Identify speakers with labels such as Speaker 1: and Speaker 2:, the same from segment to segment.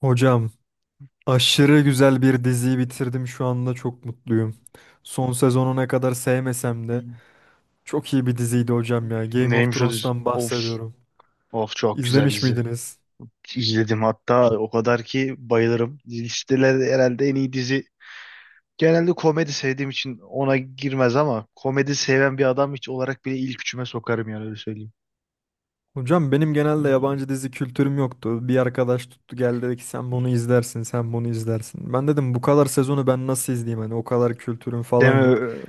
Speaker 1: Hocam aşırı güzel bir diziyi bitirdim şu anda çok mutluyum. Son sezonu ne kadar sevmesem de çok iyi bir diziydi hocam ya. Game of
Speaker 2: Neymiş o dizi?
Speaker 1: Thrones'tan
Speaker 2: Of,
Speaker 1: bahsediyorum.
Speaker 2: of çok güzel
Speaker 1: İzlemiş
Speaker 2: dizi.
Speaker 1: miydiniz?
Speaker 2: İzledim hatta o kadar ki bayılırım. Listelerde herhalde en iyi dizi. Genelde komedi sevdiğim için ona girmez ama komedi seven bir adam hiç olarak bile ilk üçüme sokarım yani öyle söyleyeyim.
Speaker 1: Hocam benim genelde yabancı dizi kültürüm yoktu. Bir arkadaş tuttu geldi dedi ki sen bunu izlersin, sen bunu izlersin. Ben dedim bu kadar sezonu ben nasıl izleyeyim hani o kadar kültürüm falan
Speaker 2: Deme,
Speaker 1: yok.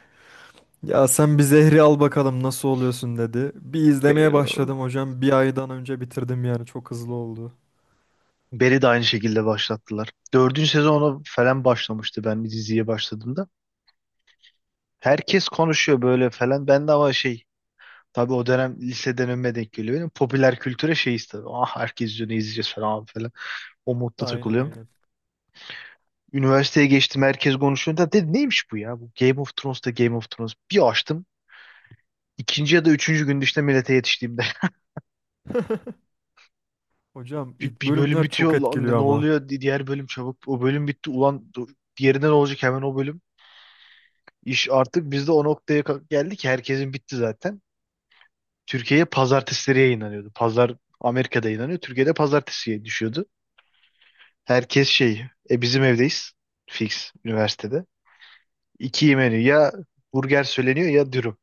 Speaker 1: Ya sen bir zehri al bakalım nasıl oluyorsun dedi. Bir izlemeye
Speaker 2: Be-
Speaker 1: başladım hocam. Bir aydan önce bitirdim yani çok hızlı oldu.
Speaker 2: Barry de aynı şekilde başlattılar. Dördüncü sezonu falan başlamıştı ben diziye başladığımda. Herkes konuşuyor böyle falan. Ben de ama şey. Tabii o dönem liseden önüme denk geliyor. Benim popüler kültüre şeyiz tabii. Ah herkes izliyor ne izleyeceğiz falan falan. O modda
Speaker 1: Aynen,
Speaker 2: takılıyorum.
Speaker 1: aynen.
Speaker 2: Üniversiteye geçtim herkes konuşuyor. Dedim neymiş bu ya? Bu Game of Thrones da Game of Thrones. Bir açtım. İkinci ya da üçüncü günde işte millete yetiştiğimde.
Speaker 1: Hocam
Speaker 2: Bir,
Speaker 1: ilk
Speaker 2: bir bölüm
Speaker 1: bölümler çok
Speaker 2: bitiyor. Lan ne
Speaker 1: etkiliyor
Speaker 2: ne
Speaker 1: ama.
Speaker 2: oluyor? Diğer bölüm çabuk. O bölüm bitti. Ulan dur, diğerinde ne olacak hemen o bölüm. İş artık biz de o noktaya geldik ki herkesin bitti zaten. Türkiye'ye pazartesileri yayınlanıyordu. Pazar Amerika'da yayınlanıyor. Türkiye'de pazartesiye düşüyordu. Herkes şey, e bizim evdeyiz. Fix üniversitede. İki menü ya burger söyleniyor ya dürüm.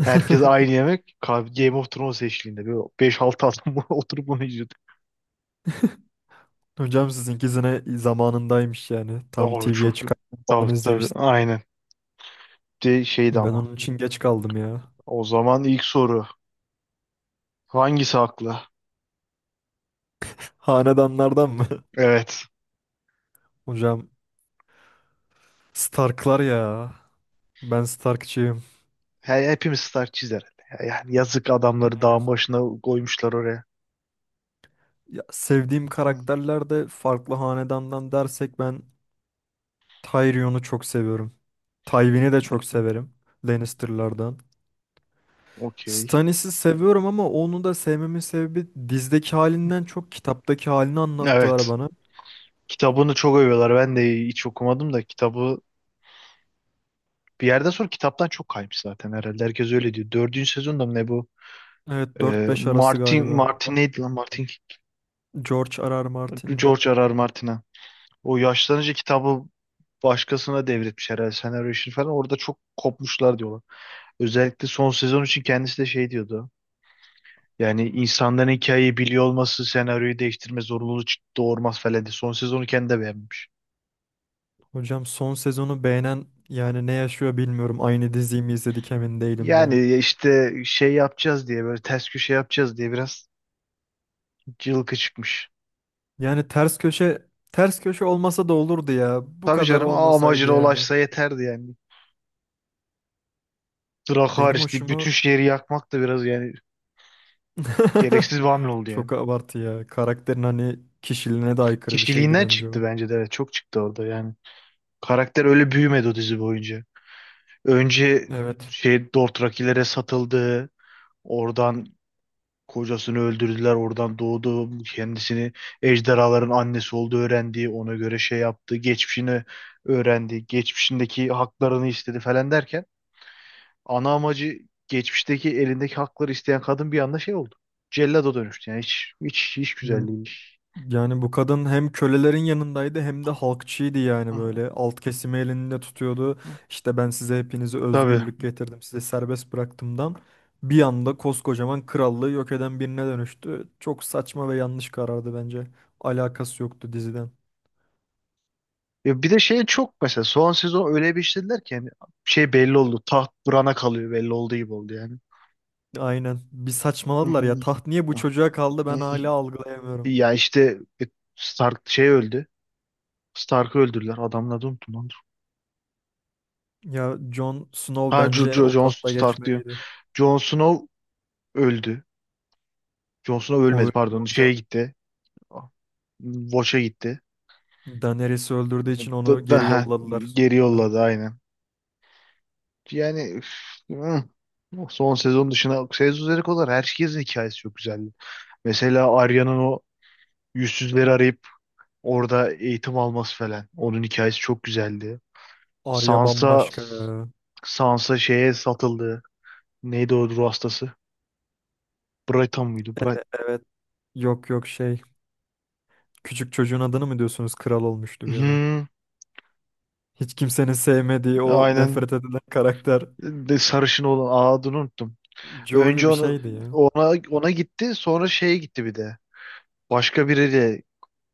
Speaker 2: Herkes aynı yemek. Game of Thrones eşliğinde. Böyle 5-6 adam oturup bunu izliyorduk.
Speaker 1: Hocam sizinkisine zamanındaymış yani. Tam
Speaker 2: Oh,
Speaker 1: TV'ye
Speaker 2: çok...
Speaker 1: çıkarken falan
Speaker 2: Tabii tabii
Speaker 1: izlemiştim.
Speaker 2: aynen. De, şeydi
Speaker 1: Ben
Speaker 2: ama.
Speaker 1: onun için geç kaldım ya.
Speaker 2: O zaman ilk soru. Hangisi haklı?
Speaker 1: Hanedanlardan mı?
Speaker 2: Evet.
Speaker 1: Hocam Stark'lar ya. Ben Stark'çıyım.
Speaker 2: He, hepimiz star çizer. Yani yazık adamları dağın başına koymuşlar oraya.
Speaker 1: Ya, sevdiğim
Speaker 2: Hı,
Speaker 1: karakterler de farklı hanedandan dersek ben Tyrion'u çok seviyorum. Tywin'i de çok severim. Lannister'lardan.
Speaker 2: okey.
Speaker 1: Stannis'i seviyorum ama onu da sevmemin sebebi dizdeki halinden çok kitaptaki halini anlattılar
Speaker 2: Evet.
Speaker 1: bana.
Speaker 2: Kitabını çok övüyorlar. Ben de hiç okumadım da kitabı. Bir yerden sonra kitaptan çok kaymış zaten herhalde. Herkes öyle diyor. Dördüncü sezonda mı ne bu?
Speaker 1: Evet, dört beş arası
Speaker 2: Martin,
Speaker 1: galiba.
Speaker 2: Martin neydi lan Martin?
Speaker 1: George R.R. Martin'di.
Speaker 2: George R. R. Martin'a. O yaşlanınca kitabı başkasına devretmiş herhalde senaryo işini falan. Orada çok kopmuşlar diyorlar. Özellikle son sezon için kendisi de şey diyordu. Yani insanların hikayeyi biliyor olması senaryoyu değiştirme zorunluluğu doğurmaz falan diye. Son sezonu kendi de beğenmiş.
Speaker 1: Hocam son sezonu beğenen yani ne yaşıyor bilmiyorum. Aynı diziyi mi izledik emin değilim ben.
Speaker 2: Yani işte şey yapacağız diye böyle ters köşe yapacağız diye biraz cılkı çıkmış.
Speaker 1: Yani ters köşe olmasa da olurdu ya. Bu
Speaker 2: Tabii
Speaker 1: kadar
Speaker 2: canım
Speaker 1: olmasaydı
Speaker 2: amacına
Speaker 1: yani.
Speaker 2: ulaşsa yeterdi yani. Irak
Speaker 1: Benim
Speaker 2: hariç deyip
Speaker 1: hoşuma
Speaker 2: bütün şehri yakmak da biraz yani gereksiz bir hamle oldu yani.
Speaker 1: çok abartı ya. Karakterin hani kişiliğine de aykırı bir şeydi
Speaker 2: Kişiliğinden
Speaker 1: bence o.
Speaker 2: çıktı bence de evet çok çıktı orada yani. Karakter öyle büyümedi o dizi boyunca. Önce
Speaker 1: Evet.
Speaker 2: şey Dothrakilere satıldı. Oradan kocasını öldürdüler. Oradan doğdu. Kendisini ejderhaların annesi olduğu öğrendi. Ona göre şey yaptı. Geçmişini öğrendi. Geçmişindeki haklarını istedi falan derken ana amacı geçmişteki elindeki hakları isteyen kadın bir anda şey oldu. Cellada dönüştü yani hiç hiç hiç güzel değilmiş.
Speaker 1: Yani bu kadın hem kölelerin yanındaydı hem de halkçıydı yani
Speaker 2: Hı,
Speaker 1: böyle. Alt kesimi elinde tutuyordu.
Speaker 2: hı.
Speaker 1: İşte ben size hepinizi
Speaker 2: Tabii.
Speaker 1: özgürlük getirdim, size serbest bıraktımdan. Bir anda koskocaman krallığı yok eden birine dönüştü. Çok saçma ve yanlış karardı bence. Alakası yoktu diziden.
Speaker 2: Ya bir de şey çok mesela son sezon öyle bir işlediler ki yani şey belli oldu. Taht Bran'a kalıyor belli olduğu gibi oldu yani.
Speaker 1: Aynen. Bir
Speaker 2: Hı
Speaker 1: saçmaladılar
Speaker 2: hı.
Speaker 1: ya. Taht niye bu çocuğa kaldı
Speaker 2: Hı
Speaker 1: ben
Speaker 2: hı.
Speaker 1: hala algılayamıyorum.
Speaker 2: Ya işte Stark şey öldü. Stark'ı öldürdüler. Adamın adını unuttum lan. Dur.
Speaker 1: Ya Jon Snow
Speaker 2: Ha Jo
Speaker 1: bence
Speaker 2: Jo-
Speaker 1: o
Speaker 2: Jon
Speaker 1: tahta
Speaker 2: Stark diyor.
Speaker 1: geçmeliydi.
Speaker 2: Jon Snow öldü. Jon Snow
Speaker 1: O
Speaker 2: ölmedi
Speaker 1: ölmedi
Speaker 2: pardon. Şeye
Speaker 1: hocam.
Speaker 2: gitti. Watch'a gitti.
Speaker 1: Daenerys'i öldürdüğü için onu
Speaker 2: Da-
Speaker 1: geri
Speaker 2: Daha
Speaker 1: yolladılar.
Speaker 2: geri
Speaker 1: Sonra.
Speaker 2: yolladı aynen. Yani üf, hı. Son sezon dışına sezon üzeri kadar herkesin hikayesi çok güzeldi. Mesela Arya'nın o yüzsüzleri arayıp orada eğitim alması falan. Onun hikayesi çok güzeldi.
Speaker 1: Arya
Speaker 2: Sansa
Speaker 1: bambaşka ya.
Speaker 2: Sansa şeye satıldı. Neydi o ruh hastası? Brighton muydu? Bright...
Speaker 1: Evet. Yok, yok şey. Küçük çocuğun adını mı diyorsunuz? Kral olmuştu bir ara.
Speaker 2: Hı,
Speaker 1: Hiç kimsenin sevmediği o
Speaker 2: aynen.
Speaker 1: nefret edilen karakter.
Speaker 2: De sarışın olan adını unuttum. Önce
Speaker 1: Joel'i bir
Speaker 2: onu,
Speaker 1: şeydi ya.
Speaker 2: ona gitti, sonra şeye gitti bir de. Başka biriyle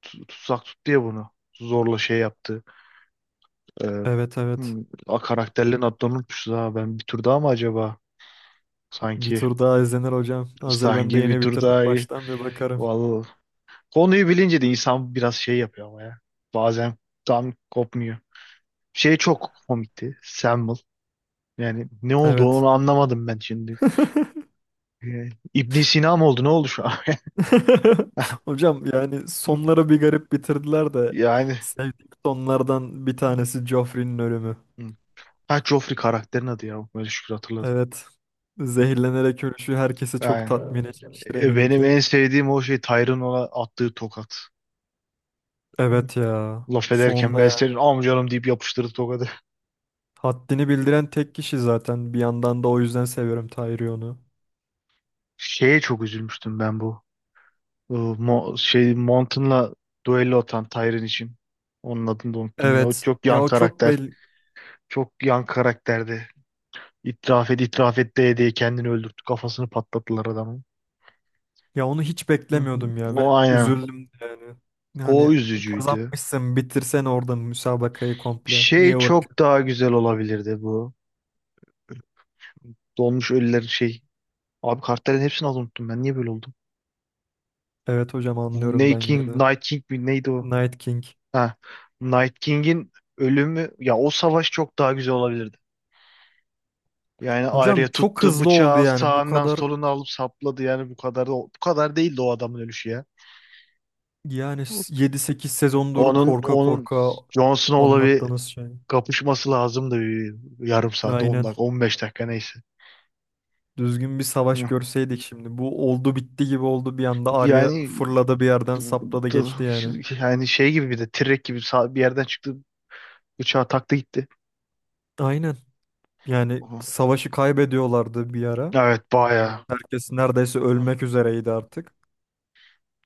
Speaker 2: tutsak tut diye bunu. Zorla şey yaptı. Ee,
Speaker 1: Evet, evet.
Speaker 2: karakterlerin adlarını unutmuşuz ha. Ben bir tur daha mı acaba?
Speaker 1: Bir
Speaker 2: Sanki
Speaker 1: tur daha izlenir hocam. Hazır ben de
Speaker 2: sanki bir
Speaker 1: yeni
Speaker 2: tur
Speaker 1: bitirdim.
Speaker 2: daha iyi.
Speaker 1: Baştan bir bakarım.
Speaker 2: Vallahi. Konuyu bilince de insan biraz şey yapıyor ama ya. Bazen tam kopmuyor. Şey çok komikti. Samuel. Yani ne oldu
Speaker 1: Evet.
Speaker 2: onu anlamadım ben şimdi. İbn Sina mı oldu? Ne oldu şu an?
Speaker 1: Hocam yani sonları bir garip bitirdiler de
Speaker 2: Yani.
Speaker 1: sevdiğim sonlardan bir tanesi Joffrey'nin ölümü.
Speaker 2: Hı. Ha Joffrey karakterin adı ya. Böyle şükür hatırladım.
Speaker 1: Evet. Zehirlenerek ölüşü herkesi çok
Speaker 2: Yani
Speaker 1: tatmin etmiştir eminim
Speaker 2: Benim
Speaker 1: ki.
Speaker 2: en sevdiğim o şey Tyron ona attığı tokat.
Speaker 1: Evet ya.
Speaker 2: Laf ederken
Speaker 1: Sonunda
Speaker 2: ben
Speaker 1: yani.
Speaker 2: senin amcanım deyip yapıştırdı tokadı.
Speaker 1: Haddini bildiren tek kişi zaten. Bir yandan da o yüzden seviyorum Tyrion'u.
Speaker 2: Şeye çok üzülmüştüm ben bu. E, Mo şey Mountain'la duello atan Tyron için. Onun adını da unuttum yine. O
Speaker 1: Evet.
Speaker 2: çok
Speaker 1: Ya
Speaker 2: yan
Speaker 1: o çok
Speaker 2: karakter.
Speaker 1: belli.
Speaker 2: Çok yan karakterdi. İtiraf et, itiraf et diye diye kendini öldürttü. Kafasını patlattılar adamın.
Speaker 1: Ya onu hiç
Speaker 2: Hı hı.
Speaker 1: beklemiyordum ya ve
Speaker 2: O aynen.
Speaker 1: üzüldüm de yani. Yani
Speaker 2: O üzücüydü.
Speaker 1: kazanmışsın bitirsen orada müsabakayı komple.
Speaker 2: Şey
Speaker 1: Niye
Speaker 2: çok
Speaker 1: uğraşıyorsun?
Speaker 2: daha güzel olabilirdi bu. Dolmuş ölülerin şey. Abi kartların hepsini az unuttum ben. Niye böyle oldu?
Speaker 1: Evet hocam, anlıyorum ben yine de.
Speaker 2: Night King mi neydi o?
Speaker 1: Night King.
Speaker 2: Ha. Night King'in ölümü ya o savaş çok daha güzel olabilirdi. Yani Arya
Speaker 1: Hocam çok
Speaker 2: tuttu
Speaker 1: hızlı oldu
Speaker 2: bıçağı
Speaker 1: yani bu
Speaker 2: sağından
Speaker 1: kadar,
Speaker 2: soluna alıp sapladı yani bu kadar da bu kadar değildi o adamın ölüşü ya.
Speaker 1: yani yedi sekiz sezondur
Speaker 2: Onun
Speaker 1: korka
Speaker 2: onun
Speaker 1: korka
Speaker 2: Jon Snow'la bir
Speaker 1: anlattığınız şey.
Speaker 2: kapışması lazımdı bir yarım saat 10
Speaker 1: Aynen.
Speaker 2: dakika 15 dakika neyse.
Speaker 1: Düzgün bir savaş
Speaker 2: Hı.
Speaker 1: görseydik şimdi. Bu oldu bitti gibi oldu bir anda. Arya
Speaker 2: Yani
Speaker 1: fırladı bir yerden sapladı geçti yani.
Speaker 2: yani şey gibi bir de T-Rex gibi bir yerden çıktı bıçağı taktı gitti.
Speaker 1: Aynen. Yani
Speaker 2: Hı.
Speaker 1: savaşı kaybediyorlardı bir ara.
Speaker 2: Evet bayağı.
Speaker 1: Herkes neredeyse
Speaker 2: Hı.
Speaker 1: ölmek üzereydi artık.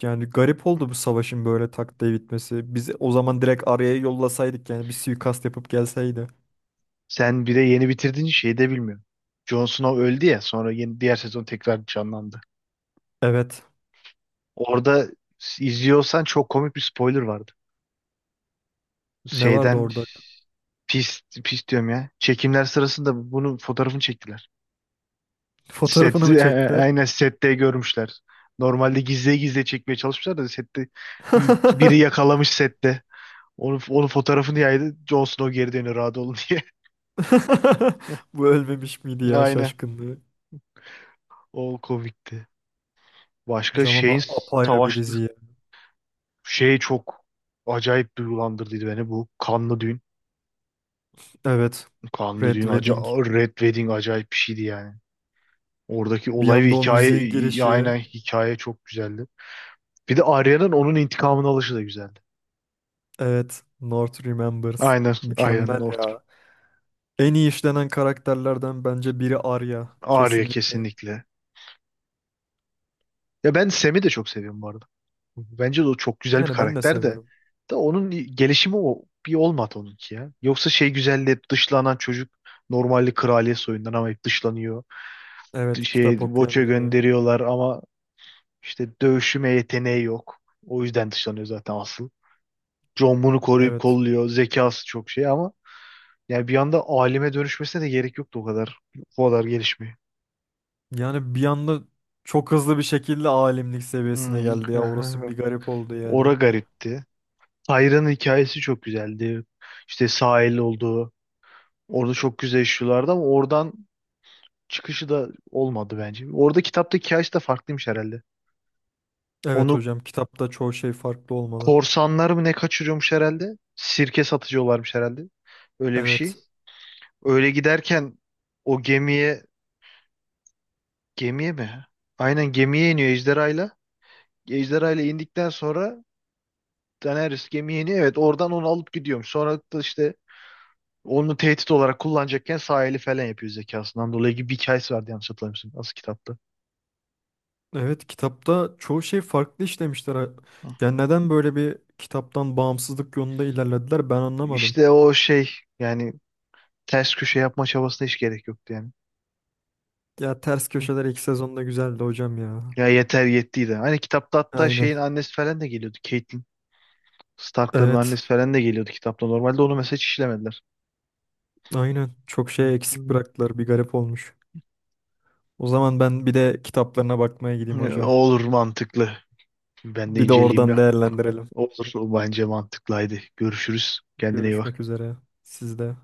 Speaker 1: Yani garip oldu bu savaşın böyle tak diye bitmesi. Biz o zaman direkt Arya'yı yollasaydık yani bir suikast yapıp gelseydi.
Speaker 2: Sen bir de yeni bitirdiğin şeyi de bilmiyorsun. Jon Snow öldü ya sonra yeni diğer sezon tekrar canlandı.
Speaker 1: Evet.
Speaker 2: Orada izliyorsan çok komik bir spoiler vardı.
Speaker 1: Ne vardı
Speaker 2: Şeyden
Speaker 1: orada?
Speaker 2: pis pis diyorum ya. Çekimler sırasında bunun fotoğrafını çektiler. Set,
Speaker 1: Fotoğrafını mı çektiler?
Speaker 2: aynen sette görmüşler. Normalde gizli gizli çekmeye çalışmışlar da sette biri yakalamış sette. Onun fotoğrafını yaydı. Jon Snow geri dönüyor rahat olun diye.
Speaker 1: Bu ölmemiş miydi ya
Speaker 2: Aynen.
Speaker 1: şaşkınlığı?
Speaker 2: O komikti. Başka
Speaker 1: Hocam ama
Speaker 2: şeyin
Speaker 1: apayrı bir
Speaker 2: savaş.
Speaker 1: dizi.
Speaker 2: Şey çok acayip duygulandırdıydı beni bu kanlı düğün.
Speaker 1: Evet.
Speaker 2: Kanlı
Speaker 1: Red
Speaker 2: düğün
Speaker 1: Wedding.
Speaker 2: Red Wedding acayip bir şeydi yani. Oradaki
Speaker 1: Bir
Speaker 2: olay ve
Speaker 1: anda o
Speaker 2: hikaye
Speaker 1: müziğin girişi.
Speaker 2: aynen hikaye çok güzeldi. Bir de Arya'nın onun intikamını alışı da güzeldi.
Speaker 1: Evet. North Remembers.
Speaker 2: Aynen Arya'nın
Speaker 1: Mükemmel
Speaker 2: ortası.
Speaker 1: ya. En iyi işlenen karakterlerden bence biri Arya.
Speaker 2: Arya
Speaker 1: Kesinlikle.
Speaker 2: kesinlikle. Ya ben Sam'i de çok seviyorum bu arada. Bence de o çok güzel bir
Speaker 1: Yani ben de
Speaker 2: karakter de.
Speaker 1: seviyorum.
Speaker 2: Onun gelişimi o bir olmadı onunki ya. Yoksa şey güzeldi hep dışlanan çocuk normalde kraliyet soyundan ama hep dışlanıyor
Speaker 1: Evet.
Speaker 2: şey
Speaker 1: Kitap
Speaker 2: Voç'a
Speaker 1: okuyan biri.
Speaker 2: gönderiyorlar ama İşte dövüşüme yeteneği yok. O yüzden dışlanıyor zaten asıl. John bunu koruyup
Speaker 1: Evet.
Speaker 2: kolluyor. Zekası çok şey ama yani bir anda alime dönüşmesine de gerek yoktu o kadar. O kadar gelişmiyor.
Speaker 1: Yani bir anda çok hızlı bir şekilde alimlik seviyesine
Speaker 2: Hmm.
Speaker 1: geldi ya. Orası bir garip oldu
Speaker 2: Ora
Speaker 1: yani.
Speaker 2: garipti. Tyra'nın hikayesi çok güzeldi. İşte sahil olduğu. Orada çok güzel işliyorlardı ama oradan çıkışı da olmadı bence. Orada kitapta hikayesi de farklıymış herhalde.
Speaker 1: Evet
Speaker 2: Onu
Speaker 1: hocam. Kitapta çoğu şey farklı olmalı.
Speaker 2: korsanlar mı ne kaçırıyormuş herhalde? Sirke satıcı olarmış herhalde. Öyle bir şey.
Speaker 1: Evet.
Speaker 2: Öyle giderken o gemiye mi? Aynen gemiye iniyor ejderhayla. Ejderhayla indikten sonra Daenerys gemiye iniyor. Evet oradan onu alıp gidiyormuş. Sonra da işte onu tehdit olarak kullanacakken sahili falan yapıyor zekasından dolayı gibi bir hikayesi vardı yanlış hatırlamıyorsun. Nasıl kitapta?
Speaker 1: Evet, kitapta çoğu şey farklı işlemişler. Ha.
Speaker 2: Hı.
Speaker 1: Yani neden böyle bir kitaptan bağımsızlık yolunda ilerlediler ben anlamadım.
Speaker 2: İşte o şey yani ters köşe yapma çabasına hiç gerek yoktu yani.
Speaker 1: Ya ters
Speaker 2: Hı.
Speaker 1: köşeler ilk sezonda güzeldi hocam ya.
Speaker 2: Ya yeter yettiydi. Hani kitapta hatta
Speaker 1: Aynen.
Speaker 2: şeyin annesi falan da geliyordu. Catelyn Stark'ların
Speaker 1: Evet.
Speaker 2: annesi falan da geliyordu kitapta. Normalde onu mesela hiç işlemediler.
Speaker 1: Aynen. Çok
Speaker 2: Hı.
Speaker 1: şey eksik
Speaker 2: Hı.
Speaker 1: bıraktılar. Bir garip olmuş. O zaman ben bir de kitaplarına bakmaya gideyim hocam.
Speaker 2: Olur mantıklı. Ben de
Speaker 1: Bir de
Speaker 2: inceleyeyim
Speaker 1: oradan
Speaker 2: ya.
Speaker 1: değerlendirelim.
Speaker 2: Olur o bence mantıklıydı. Görüşürüz. Kendine iyi
Speaker 1: Görüşmek
Speaker 2: bak.
Speaker 1: üzere. Sizde.